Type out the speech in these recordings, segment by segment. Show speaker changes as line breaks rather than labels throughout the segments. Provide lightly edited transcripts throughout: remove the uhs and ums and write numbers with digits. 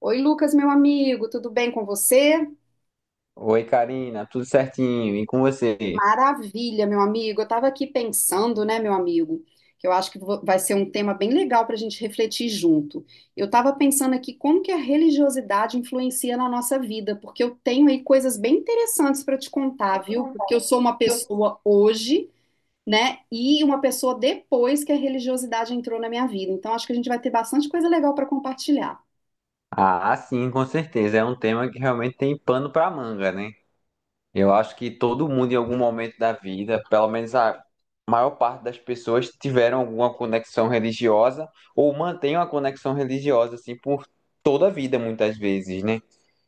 Oi, Lucas, meu amigo, tudo bem com você?
Oi, Karina, tudo certinho? E com você?
Maravilha, meu amigo. Eu estava aqui pensando, né, meu amigo, que eu acho que vai ser um tema bem legal para a gente refletir junto. Eu estava pensando aqui como que a religiosidade influencia na nossa vida, porque eu tenho aí coisas bem interessantes para te contar, viu? Porque eu sou uma
Eu-
pessoa hoje, né, e uma pessoa depois que a religiosidade entrou na minha vida. Então, acho que a gente vai ter bastante coisa legal para compartilhar.
Ah, sim, com certeza. É um tema que realmente tem pano para manga, né? Eu acho que todo mundo, em algum momento da vida, pelo menos a maior parte das pessoas, tiveram alguma conexão religiosa ou mantém uma conexão religiosa, assim, por toda a vida, muitas vezes, né?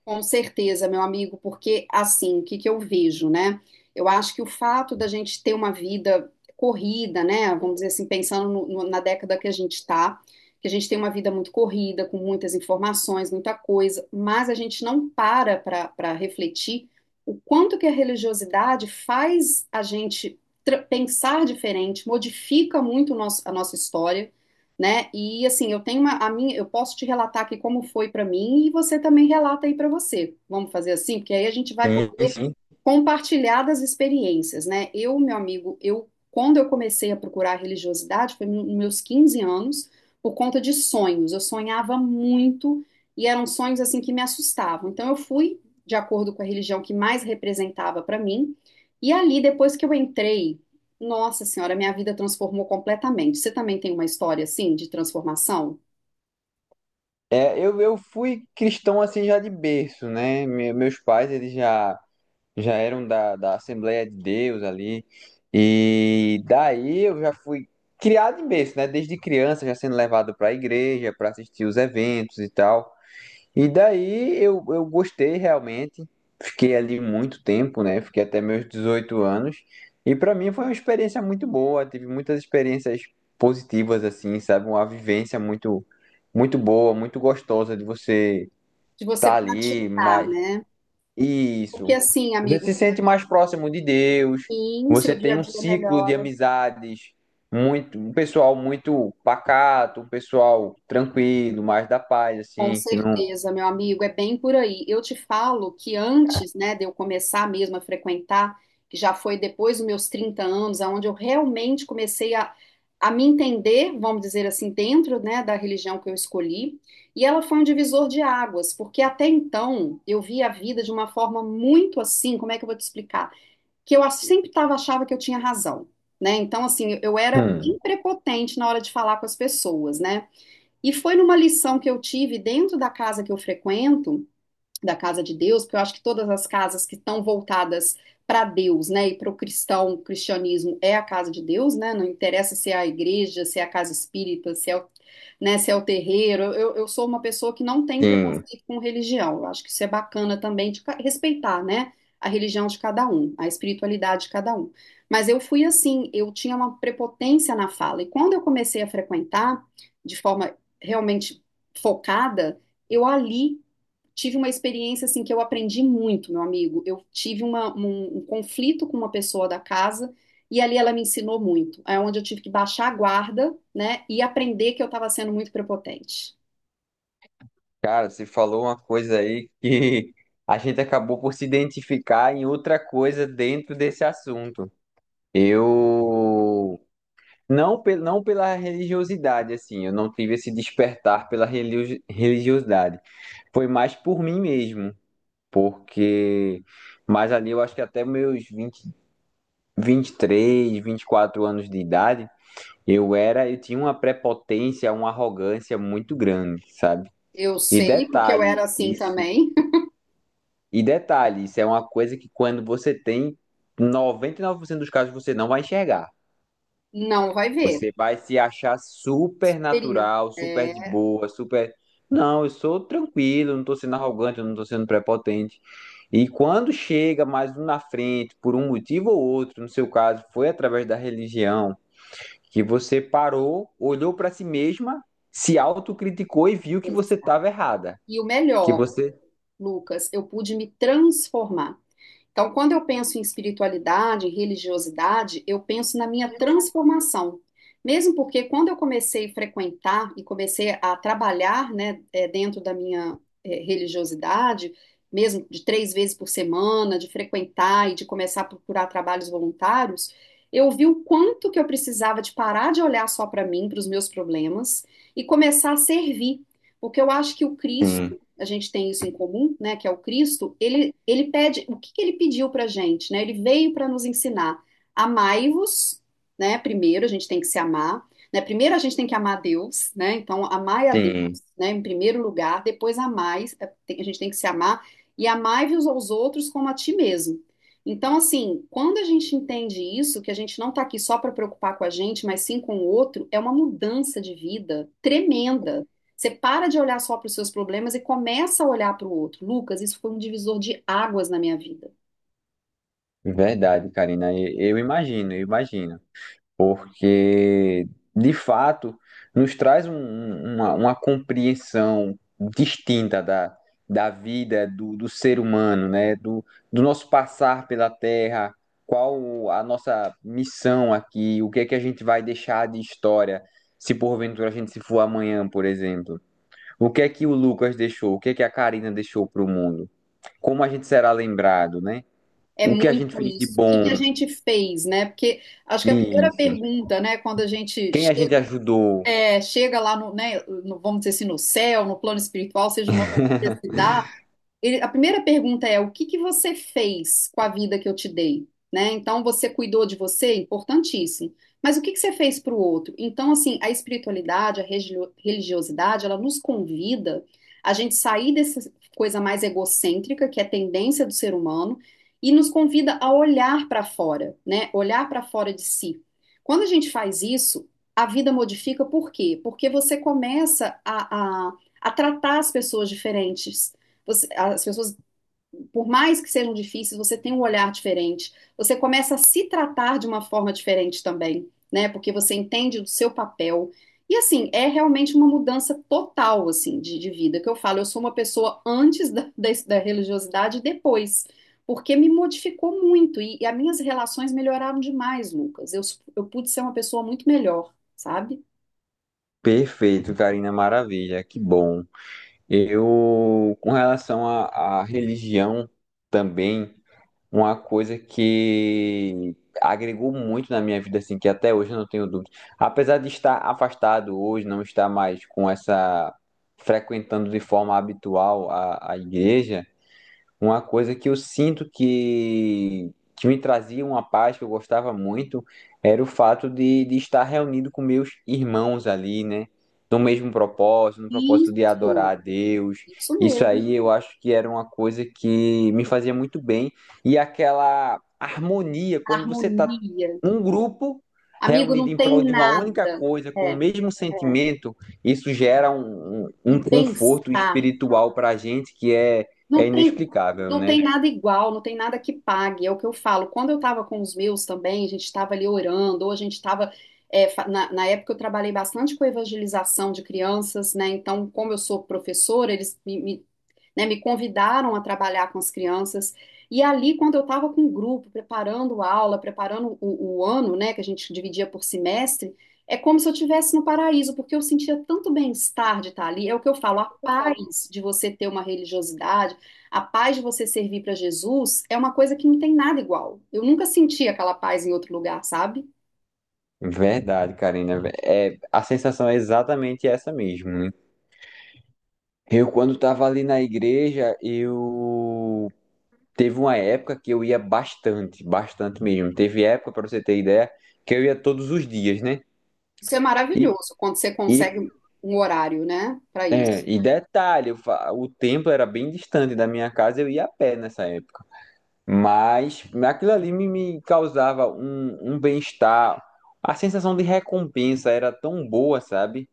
Com certeza, meu amigo, porque assim, o que que eu vejo, né? Eu acho que o fato da gente ter uma vida corrida, né? Vamos dizer assim, pensando na década que a gente está, que a gente tem uma vida muito corrida, com muitas informações, muita coisa, mas a gente não para refletir o quanto que a religiosidade faz a gente pensar diferente, modifica muito a nossa história, né? E assim, eu tenho uma, a minha, eu posso te relatar aqui como foi para mim e você também relata aí para você. Vamos fazer assim, porque aí a gente vai
Sim,
poder
sim.
compartilhar das experiências, né? Eu, meu amigo, eu quando eu comecei a procurar religiosidade foi nos meus 15 anos, por conta de sonhos. Eu sonhava muito e eram sonhos assim que me assustavam. Então eu fui de acordo com a religião que mais representava para mim. E ali, depois que eu entrei nossa Senhora, minha vida transformou completamente. Você também tem uma história assim de transformação?
É, eu fui cristão, assim, já de berço, né? Meus pais, eles já. Já eram da Assembleia de Deus ali. E daí eu já fui criado em berço, né? Desde criança, já sendo levado para a igreja, para assistir os eventos e tal. E daí eu gostei realmente. Fiquei ali muito tempo, né? Fiquei até meus 18 anos. E para mim foi uma experiência muito boa. Tive muitas experiências positivas, assim, sabe? Uma vivência muito, muito boa, muito gostosa de você
De você
estar ali,
praticar,
mais
né? Porque
isso.
assim,
Você
amigo,
se sente mais próximo de Deus,
sim, seu
você
dia
tem
a
um
dia
ciclo de
melhora.
amizades muito, um pessoal muito pacato, um pessoal tranquilo, mais da paz,
Com
assim, que não.
certeza, meu amigo, é bem por aí. Eu te falo que antes, né, de eu começar mesmo a frequentar, que já foi depois dos meus 30 anos, aonde eu realmente comecei a me entender, vamos dizer assim, dentro, né, da religião que eu escolhi, e ela foi um divisor de águas, porque até então eu via a vida de uma forma muito assim, como é que eu vou te explicar? Que eu sempre tava, achava que eu tinha razão, né? Então, assim, eu era
Hum,
bem prepotente na hora de falar com as pessoas, né? E foi numa lição que eu tive dentro da casa que eu frequento, da casa de Deus, porque eu acho que todas as casas que estão voltadas para Deus, né, e para o cristão, o cristianismo é a casa de Deus, né, não interessa se é a igreja, se é a casa espírita, se é o, né, se é o terreiro. Eu sou uma pessoa que não tem
sim.
preconceito com religião, eu acho que isso é bacana também de respeitar, né, a religião de cada um, a espiritualidade de cada um, mas eu fui assim, eu tinha uma prepotência na fala, e quando eu comecei a frequentar de forma realmente focada, eu ali tive uma experiência assim que eu aprendi muito, meu amigo. Eu tive um conflito com uma pessoa da casa e ali ela me ensinou muito. É onde eu tive que baixar a guarda, né, e aprender que eu estava sendo muito prepotente.
Cara, você falou uma coisa aí que a gente acabou por se identificar em outra coisa dentro desse assunto. Eu não, não pela religiosidade, assim, eu não tive esse despertar pela religiosidade. Foi mais por mim mesmo. Porque mas ali eu acho que até meus 20, 23, 24 anos de idade, eu tinha uma prepotência, uma arrogância muito grande, sabe?
Eu
E
sei porque eu
detalhe,
era assim
isso,
também.
e detalhe, isso é uma coisa que quando você tem 99% dos casos você não vai enxergar.
Não vai ver.
Você vai se achar super
Superior.
natural, super de
É.
boa, super. Não, eu sou tranquilo, eu não estou sendo arrogante, eu não estou sendo prepotente. E quando chega mais um na frente, por um motivo ou outro, no seu caso, foi através da religião, que você parou, olhou para si mesma, se autocriticou e viu que você estava errada.
E o
Que
melhor,
você.
Lucas, eu pude me transformar. Então, quando eu penso em espiritualidade, em religiosidade, eu penso na minha transformação. Mesmo porque quando eu comecei a frequentar e comecei a trabalhar, né, dentro da minha, religiosidade, mesmo de 3 vezes por semana, de frequentar e de começar a procurar trabalhos voluntários, eu vi o quanto que eu precisava de parar de olhar só para mim, para os meus problemas, e começar a servir. Porque eu acho que o
Sim,
Cristo, a gente tem isso em comum, né, que é o Cristo, ele pede, o que que ele pediu para a gente, né? Ele veio para nos ensinar, amai-vos, né? Primeiro a gente tem que se amar, né? Primeiro a gente tem que amar Deus, né? Então, amai a Deus,
sim,
né, em primeiro lugar, depois amai, a gente tem que se amar, e amai-vos aos outros como a ti mesmo. Então, assim, quando a gente entende isso, que a gente não está aqui só para preocupar com a gente, mas sim com o outro, é uma mudança de vida tremenda. Você para de olhar só para os seus problemas e começa a olhar para o outro. Lucas, isso foi um divisor de águas na minha vida.
verdade, Karina. Eu imagino, eu imagino. Porque de fato nos traz uma compreensão distinta da vida do ser humano, né? Do nosso passar pela Terra, qual a nossa missão aqui, o que é que a gente vai deixar de história se porventura a gente se for amanhã, por exemplo. O que é que o Lucas deixou? O que é que a Karina deixou para o mundo? Como a gente será lembrado, né?
É
O que a gente
muito
fez de
isso. O que que a
bom?
gente fez, né? Porque acho que a primeira
Isso.
pergunta, né, quando a gente
Quem a gente ajudou?
é, chega lá no, né, no- vamos dizer assim, no céu, no plano espiritual, seja o nome que você se dá, ele- a primeira pergunta é: o que que você fez com a vida que eu te dei? Né? Então, você cuidou de você? Importantíssimo. Mas o que que você fez para o outro? Então, assim, a espiritualidade, a religiosidade, ela nos convida a gente sair dessa coisa mais egocêntrica, que é a tendência do ser humano, e nos convida a olhar para fora, né? Olhar para fora de si. Quando a gente faz isso, a vida modifica por quê? Porque você começa a tratar as pessoas diferentes. Você- as pessoas, por mais que sejam difíceis, você tem um olhar diferente. Você começa a se tratar de uma forma diferente também, né? Porque você entende do seu papel. E assim, é realmente uma mudança total, assim, de vida. Que eu falo, eu sou uma pessoa antes da, da religiosidade e depois. Porque me modificou muito. E as minhas relações melhoraram demais, Lucas. Eu pude ser uma pessoa muito melhor, sabe?
Perfeito, Karina, maravilha, que bom. Eu, com relação à religião também, uma coisa que agregou muito na minha vida, assim, que até hoje eu não tenho dúvida. Apesar de estar afastado hoje, não estar mais com essa, frequentando de forma habitual a igreja, uma coisa que eu sinto que me trazia uma paz que eu gostava muito era o fato de estar reunido com meus irmãos ali, né? No mesmo propósito, no propósito de adorar
Isso.
a Deus.
Isso
Isso
mesmo.
aí eu acho que era uma coisa que me fazia muito bem. E aquela harmonia, quando você tá
Harmonia.
um grupo
Amigo,
reunido
não
em
tem
prol de uma única
nada.
coisa, com o
É.
mesmo sentimento, isso gera um, um,
E
um conforto
bem-estar.
espiritual para a gente que é
Não tem,
inexplicável,
não
né?
tem nada igual, não tem nada que pague. É o que eu falo. Quando eu estava com os meus também, a gente estava ali orando, ou a gente estava. Na época eu trabalhei bastante com evangelização de crianças, né? Então, como eu sou professora, eles me, né, me convidaram a trabalhar com as crianças. E ali, quando eu estava com o grupo, preparando a aula, preparando o ano, né, que a gente dividia por semestre, é como se eu estivesse no paraíso, porque eu sentia tanto bem-estar de estar ali. É o que eu falo, a paz de você ter uma religiosidade, a paz de você servir para Jesus é uma coisa que não tem nada igual. Eu nunca senti aquela paz em outro lugar, sabe?
Verdade, Karina. É, a sensação é exatamente essa mesmo, né? Eu, quando estava ali na igreja, eu teve uma época que eu ia bastante, bastante mesmo. Teve época, para você ter ideia, que eu ia todos os dias, né?
Isso é
E,
maravilhoso quando você
e,
consegue um horário, né, para
é,
isso.
e detalhe, o templo era bem distante da minha casa, eu ia a pé nessa época. Mas aquilo ali me causava um bem-estar. A sensação de recompensa era tão boa, sabe?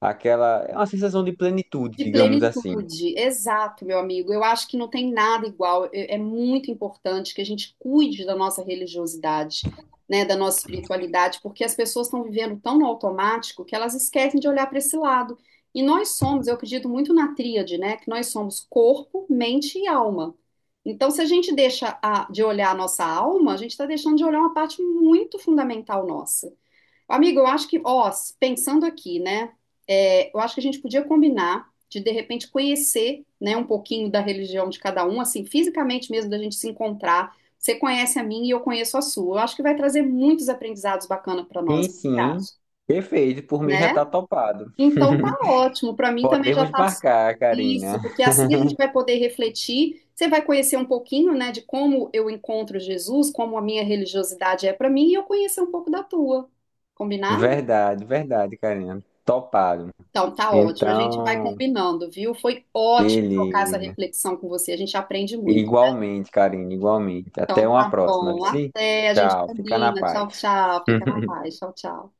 Aquela, é uma sensação de plenitude,
De
digamos assim.
plenitude, exato, meu amigo. Eu acho que não tem nada igual. É, é muito importante que a gente cuide da nossa religiosidade, né, da nossa espiritualidade, porque as pessoas estão vivendo tão no automático que elas esquecem de olhar para esse lado. E nós somos, eu acredito muito na tríade, né, que nós somos corpo, mente e alma. Então, se a gente de olhar a nossa alma, a gente está deixando de olhar uma parte muito fundamental nossa. Amigo, eu acho que, ó, pensando aqui, né? É, eu acho que a gente podia combinar de repente conhecer, né, um pouquinho da religião de cada um, assim, fisicamente mesmo, da gente se encontrar. Você conhece a minha e eu conheço a sua. Eu acho que vai trazer muitos aprendizados bacanas para nós,
Sim, sim. Perfeito, por mim já
né?
tá topado.
Então tá ótimo. Para mim também já
Podemos
tá
marcar, Karina.
isso, porque assim a gente vai poder refletir. Você vai conhecer um pouquinho, né, de como eu encontro Jesus, como a minha religiosidade é para mim, e eu conhecer um pouco da tua. Combinado?
Verdade, verdade, Karina. Topado.
Então, tá ótimo. A gente vai
Então,
combinando, viu? Foi ótimo trocar essa
beleza.
reflexão com você. A gente aprende muito.
Igualmente, Karina, igualmente. Até
Então,
uma
tá
próxima, viu?
bom.
Sim?
Até. A gente
Tchau, fica na
combina. Tchau,
paz.
tchau. Fica na paz. Tchau, tchau.